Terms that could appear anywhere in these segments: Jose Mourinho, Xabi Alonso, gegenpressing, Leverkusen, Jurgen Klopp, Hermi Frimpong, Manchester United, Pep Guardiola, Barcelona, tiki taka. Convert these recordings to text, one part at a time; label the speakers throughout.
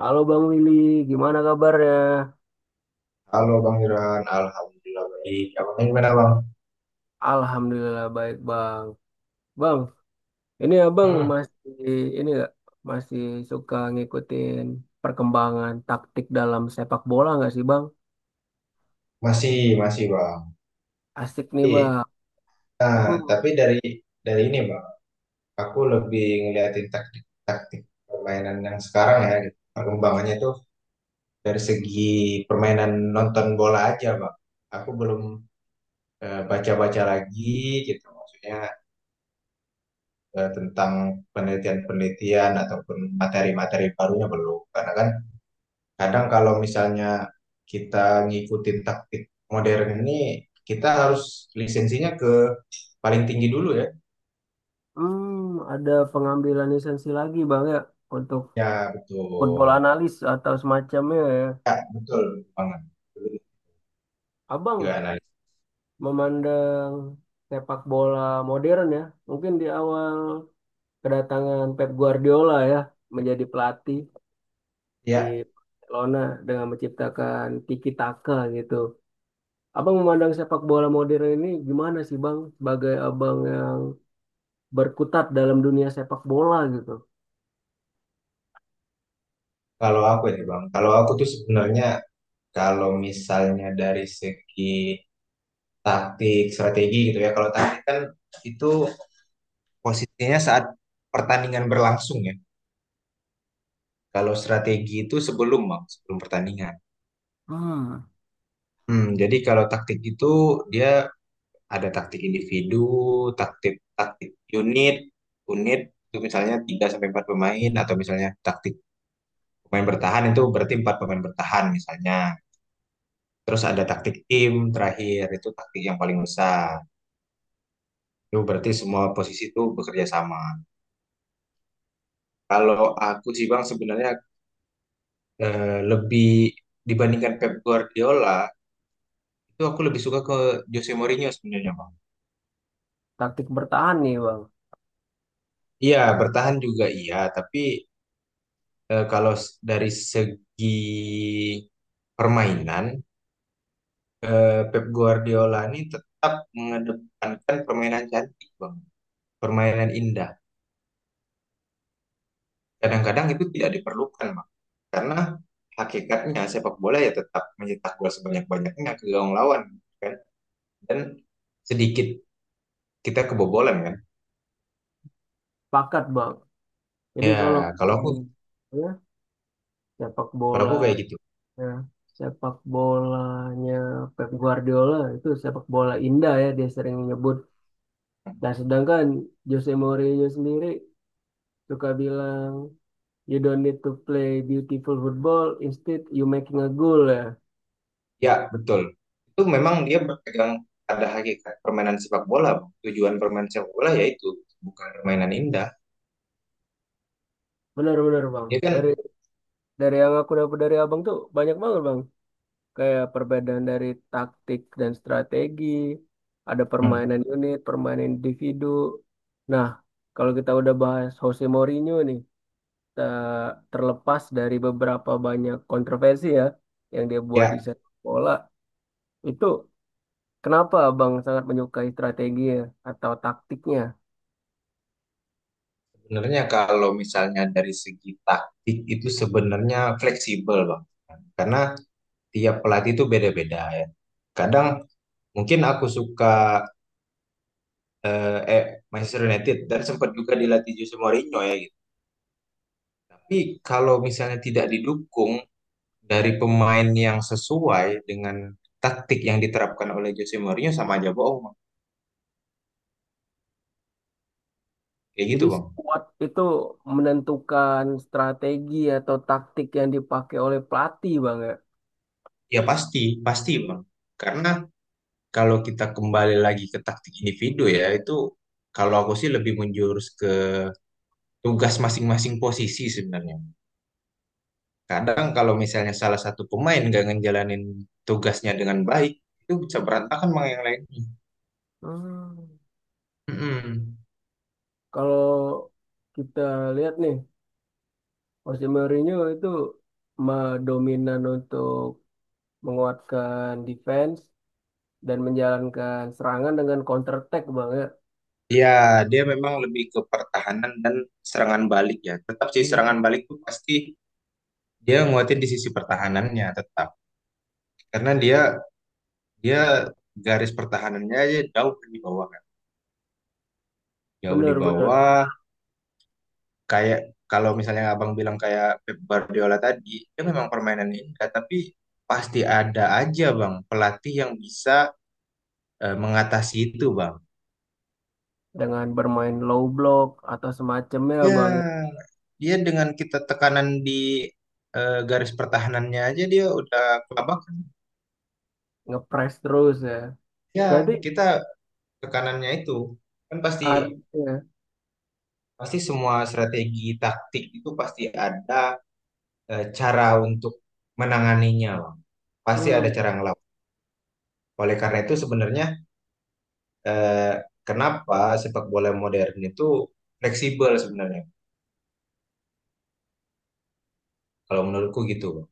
Speaker 1: Halo Bang Willy, gimana kabarnya?
Speaker 2: Halo Bang Iran, Alhamdulillah baik. Abangnya gimana Bang?
Speaker 1: Alhamdulillah baik Bang. Bang, ini Abang
Speaker 2: Hmm,
Speaker 1: masih ini nggak masih suka ngikutin perkembangan taktik dalam sepak bola nggak sih Bang?
Speaker 2: masih, masih Bang.
Speaker 1: Asik nih
Speaker 2: Tapi,
Speaker 1: Bang. Aku
Speaker 2: nah, tapi dari ini Bang, aku lebih ngeliatin taktik-taktik permainan yang sekarang ya, gitu. Perkembangannya tuh dari segi permainan nonton bola aja Bang. Aku belum baca-baca lagi gitu, maksudnya tentang penelitian-penelitian ataupun materi-materi barunya belum. Karena kan kadang kalau misalnya kita ngikutin taktik modern ini, kita harus lisensinya ke paling tinggi dulu ya.
Speaker 1: hmm, ada pengambilan lisensi lagi Bang ya untuk
Speaker 2: Ya,
Speaker 1: football
Speaker 2: betul.
Speaker 1: analis atau semacamnya ya.
Speaker 2: Ya, betul banget. Gila,
Speaker 1: Abang
Speaker 2: analis.
Speaker 1: memandang sepak bola modern ya, mungkin di awal kedatangan Pep Guardiola ya menjadi pelatih. Di
Speaker 2: Ya,
Speaker 1: Barcelona dengan menciptakan tiki taka gitu. Abang memandang sepak bola modern ini gimana sih Bang sebagai abang yang berkutat dalam dunia sepak bola gitu.
Speaker 2: kalau aku ya Bang, kalau aku tuh sebenarnya kalau misalnya dari segi taktik, strategi gitu ya, kalau taktik kan itu posisinya saat pertandingan berlangsung ya. Kalau strategi itu sebelum Bang, sebelum pertandingan.
Speaker 1: Hmm.
Speaker 2: Hmm, jadi kalau taktik itu dia ada taktik individu, taktik taktik unit. Unit itu misalnya 3 sampai 4 pemain, atau misalnya taktik pemain bertahan, itu berarti 4 pemain bertahan misalnya. Terus ada taktik tim, terakhir itu taktik yang paling besar. Itu berarti semua posisi itu bekerja sama. Kalau aku sih Bang sebenarnya lebih dibandingkan Pep Guardiola, itu aku lebih suka ke Jose Mourinho sebenarnya Bang.
Speaker 1: Taktik bertahan nih Bang.
Speaker 2: Iya, bertahan juga iya, tapi dari segi permainan, Pep Guardiola ini tetap mengedepankan permainan cantik, Bang. Permainan indah. Kadang-kadang itu tidak diperlukan, Bang. Karena hakikatnya sepak bola ya tetap mencetak gol sebanyak-banyaknya ke gawang lawan, kan? Dan sedikit kita kebobolan, kan?
Speaker 1: Pakat Bang. Jadi
Speaker 2: Ya,
Speaker 1: kalau
Speaker 2: kalau aku
Speaker 1: hmm, ya, sepak
Speaker 2: kalau
Speaker 1: bola
Speaker 2: aku kayak gitu.
Speaker 1: ya, sepak bolanya Pep Guardiola itu sepak bola indah ya dia sering menyebut. Nah sedangkan Jose Mourinho sendiri suka bilang, "You don't need to play beautiful football, instead you making a goal" ya.
Speaker 2: Ya, betul. Itu memang dia berpegang pada hakikat permainan sepak bola, Bang. Tujuan permainan sepak bola yaitu bukan permainan indah.
Speaker 1: Benar-benar bang.
Speaker 2: Ya
Speaker 1: Dari
Speaker 2: kan,
Speaker 1: dari yang aku dapat dari abang tuh banyak banget bang. Kayak perbedaan dari taktik dan strategi, ada
Speaker 2: hmm,
Speaker 1: permainan unit, permainan individu. Nah, kalau kita udah bahas Jose Mourinho nih, terlepas dari beberapa banyak kontroversi ya yang dia buat di
Speaker 2: ya
Speaker 1: sepak bola, itu kenapa abang sangat menyukai strateginya atau taktiknya?
Speaker 2: sebenarnya kalau misalnya dari segi taktik itu sebenarnya fleksibel, Bang. Karena tiap pelatih itu beda-beda ya. Kadang mungkin aku suka eh, eh, Manchester United dan sempat juga dilatih Jose Mourinho ya gitu. Tapi kalau misalnya tidak didukung dari pemain yang sesuai dengan taktik yang diterapkan oleh Jose Mourinho, sama aja bohong, Bang. Kayak gitu,
Speaker 1: Jadi
Speaker 2: Bang.
Speaker 1: squad itu menentukan strategi atau taktik yang dipakai oleh pelatih bang ya.
Speaker 2: Ya pasti, pasti, Bang. Karena kalau kita kembali lagi ke taktik individu ya, itu kalau aku sih lebih menjurus ke tugas masing-masing posisi sebenarnya. Kadang kalau misalnya salah satu pemain nggak ngejalanin tugasnya dengan baik, itu bisa berantakan Bang yang lainnya.
Speaker 1: Hmm.
Speaker 2: Mm-mm.
Speaker 1: Kalau kita lihat nih, Jose Mourinho itu dominan untuk menguatkan defense dan menjalankan serangan dengan counter attack bang ya.
Speaker 2: Ya, dia memang lebih ke pertahanan dan serangan balik ya. Tetap sih
Speaker 1: Hmm.
Speaker 2: serangan balik itu pasti, dia nguatin di sisi pertahanannya tetap, karena dia dia garis pertahanannya aja jauh di bawah kan, jauh di
Speaker 1: Bener-bener
Speaker 2: bawah. Kayak kalau misalnya abang bilang kayak Pep Guardiola tadi, dia memang permainan indah tapi pasti ada aja bang pelatih yang bisa mengatasi itu bang
Speaker 1: dengan bermain low block atau semacamnya bang ya.
Speaker 2: ya. Dia, dengan kita tekanan di garis pertahanannya aja, dia udah kelabakan.
Speaker 1: Ngepres terus ya.
Speaker 2: Ya,
Speaker 1: Berarti
Speaker 2: kita tekanannya itu kan pasti.
Speaker 1: artinya
Speaker 2: Pasti semua strategi taktik itu pasti ada cara untuk menanganinya, Bang. Pasti ada
Speaker 1: hmm,
Speaker 2: cara ngelawan. Oleh karena itu sebenarnya eh, kenapa sepak bola modern itu fleksibel sebenarnya. Kalau menurutku gitu, Bang.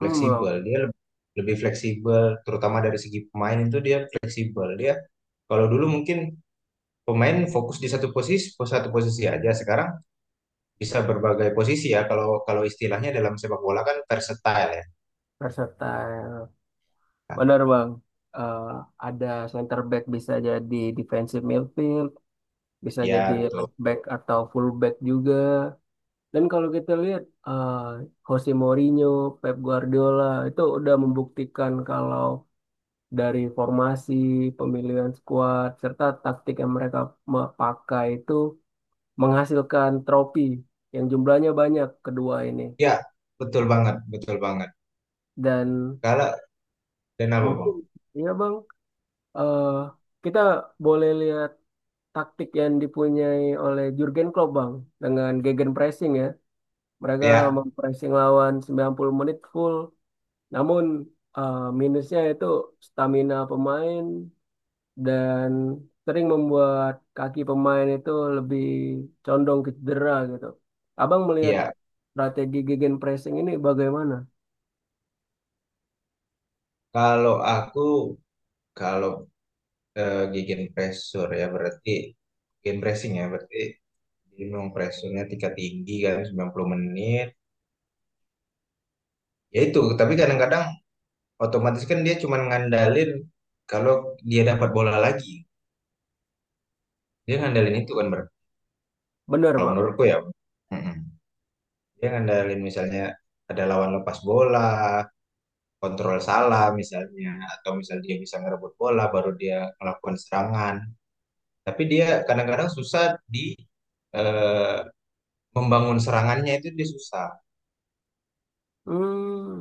Speaker 1: hmm loh,
Speaker 2: Fleksibel. Dia lebih, fleksibel, terutama dari segi pemain itu dia fleksibel. Dia kalau dulu mungkin pemain fokus di satu posisi aja. Sekarang bisa berbagai posisi ya. Kalau kalau istilahnya dalam sepak bola kan versatile ya.
Speaker 1: versatile. Benar bang, Eh, ada center back bisa jadi defensive midfield, bisa jadi
Speaker 2: Ya, betul.
Speaker 1: left back atau full back juga. Dan kalau kita lihat Jose Mourinho, Pep Guardiola itu udah membuktikan kalau dari formasi, pemilihan skuad, serta taktik yang mereka pakai itu menghasilkan trofi yang jumlahnya banyak kedua ini.
Speaker 2: Ya, betul banget, betul banget.
Speaker 1: Dan
Speaker 2: Kalau dan apa, Bang?
Speaker 1: mungkin ya bang, eh kita boleh lihat taktik yang dipunyai oleh Jurgen Klopp Bang dengan gegenpressing ya. Mereka
Speaker 2: Ya,
Speaker 1: mempressing lawan 90 menit full. Namun minusnya itu stamina pemain dan sering membuat kaki pemain itu lebih condong ke cedera gitu. Abang melihat
Speaker 2: ya.
Speaker 1: strategi gegenpressing ini bagaimana?
Speaker 2: Kalau aku kalau eh, gigi pressure ya berarti gigi pressing ya berarti minimum pressure-nya tingkat tinggi kan 90 menit. Ya itu, tapi kadang-kadang otomatis kan dia cuma ngandalin kalau dia dapat bola lagi. Dia ngandalin itu kan, Ber.
Speaker 1: Benar
Speaker 2: Kalau
Speaker 1: Bang.
Speaker 2: menurutku ya. Mm-mm. Dia ngandalin misalnya ada lawan lepas bola, kontrol salah misalnya, atau misal dia bisa ngerebut bola baru dia melakukan serangan, tapi dia kadang-kadang susah di eh, membangun serangannya, itu dia susah.
Speaker 1: Hmm,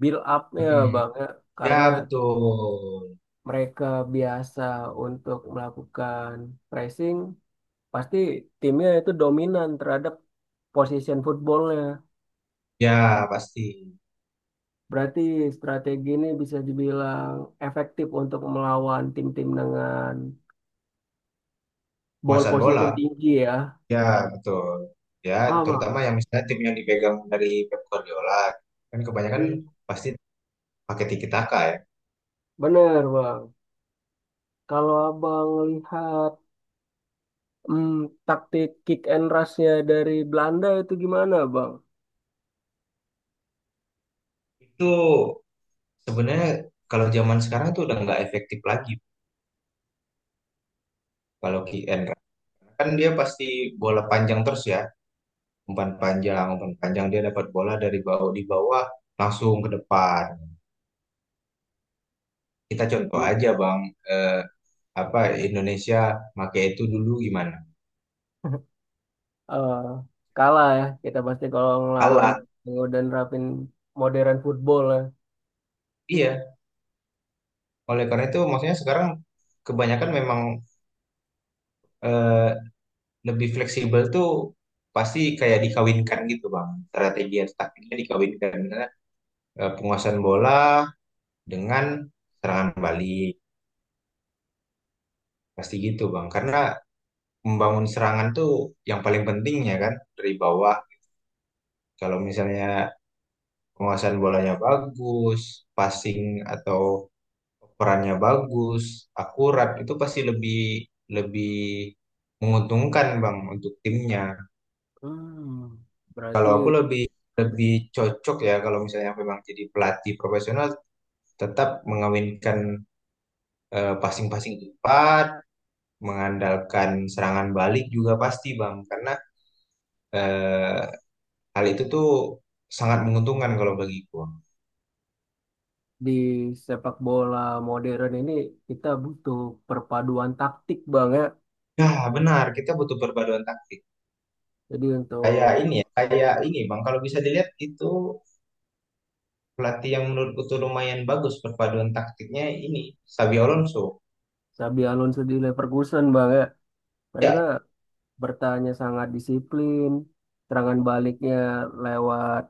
Speaker 1: build up-nya
Speaker 2: Mm.
Speaker 1: Bang ya.
Speaker 2: Ya,
Speaker 1: Karena
Speaker 2: betul.
Speaker 1: mereka biasa untuk melakukan pressing, pasti timnya itu dominan terhadap position footballnya.
Speaker 2: Ya, pasti.
Speaker 1: Berarti strategi ini bisa dibilang efektif untuk melawan tim-tim dengan ball
Speaker 2: Penguasaan
Speaker 1: position
Speaker 2: bola.
Speaker 1: tinggi ya.
Speaker 2: Ya, betul. Ya,
Speaker 1: Ah,
Speaker 2: terutama
Speaker 1: Bang.
Speaker 2: yang misalnya tim yang dipegang dari Pep Guardiola kan kebanyakan
Speaker 1: Hmm.
Speaker 2: pasti pakai tiki taka ya.
Speaker 1: Bener, Bang. Kalau Abang lihat hmm, taktik kick and rush-nya dari Belanda itu gimana, Bang?
Speaker 2: Itu sebenarnya kalau zaman sekarang tuh udah nggak efektif lagi. Kalau QN kan dia pasti bola panjang terus ya, umpan panjang umpan panjang, dia dapat bola dari bawah, di bawah langsung ke depan. Kita contoh aja bang, eh, apa Indonesia pakai itu dulu gimana.
Speaker 1: Hmm. eh, kalah ya kita pasti kalau ngelawan
Speaker 2: Alat.
Speaker 1: dan nerapin modern football ya.
Speaker 2: Iya, oleh karena itu maksudnya sekarang kebanyakan memang eh, lebih fleksibel tuh, pasti kayak dikawinkan gitu bang, strategi dan taktiknya dikawinkan. Misalnya, penguasaan bola dengan serangan balik, pasti gitu bang, karena membangun serangan tuh yang paling penting ya kan, dari bawah. Kalau misalnya penguasaan bolanya bagus, passing atau perannya bagus, akurat, itu pasti lebih, lebih menguntungkan Bang untuk timnya.
Speaker 1: Hmm, berarti
Speaker 2: Kalau aku lebih lebih cocok ya kalau misalnya memang jadi pelatih profesional, tetap mengawinkan passing-passing cepat, mengandalkan serangan balik juga pasti Bang, karena eh, Hal itu tuh sangat menguntungkan kalau bagiku.
Speaker 1: di sepak bola modern ini kita butuh perpaduan taktik bang ya.
Speaker 2: Ya, benar, kita butuh perpaduan taktik.
Speaker 1: Jadi
Speaker 2: Kayak
Speaker 1: untuk
Speaker 2: ini ya, kayak ini Bang, kalau bisa dilihat itu pelatih yang menurutku tuh lumayan bagus perpaduan taktiknya ini, Xabi Alonso.
Speaker 1: Xabi Alonso di Leverkusen bang ya, mereka
Speaker 2: Ya,
Speaker 1: bertanya sangat disiplin. Serangan baliknya lewat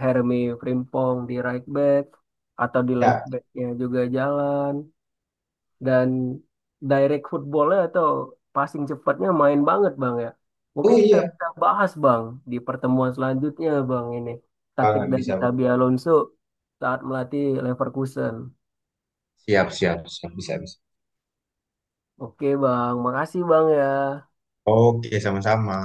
Speaker 1: Hermi Frimpong di right back atau di left
Speaker 2: ya.
Speaker 1: backnya juga jalan. Dan direct footballnya atau passing cepatnya main banget bang ya. Mungkin
Speaker 2: Oh
Speaker 1: kita
Speaker 2: iya,
Speaker 1: bisa bahas bang di pertemuan selanjutnya bang ini taktik
Speaker 2: banget
Speaker 1: dari
Speaker 2: bisa Bang.
Speaker 1: Xabi Alonso saat melatih Leverkusen.
Speaker 2: Siap, siap, siap, bisa, bisa.
Speaker 1: Oke bang, makasih bang ya.
Speaker 2: Oke, sama-sama.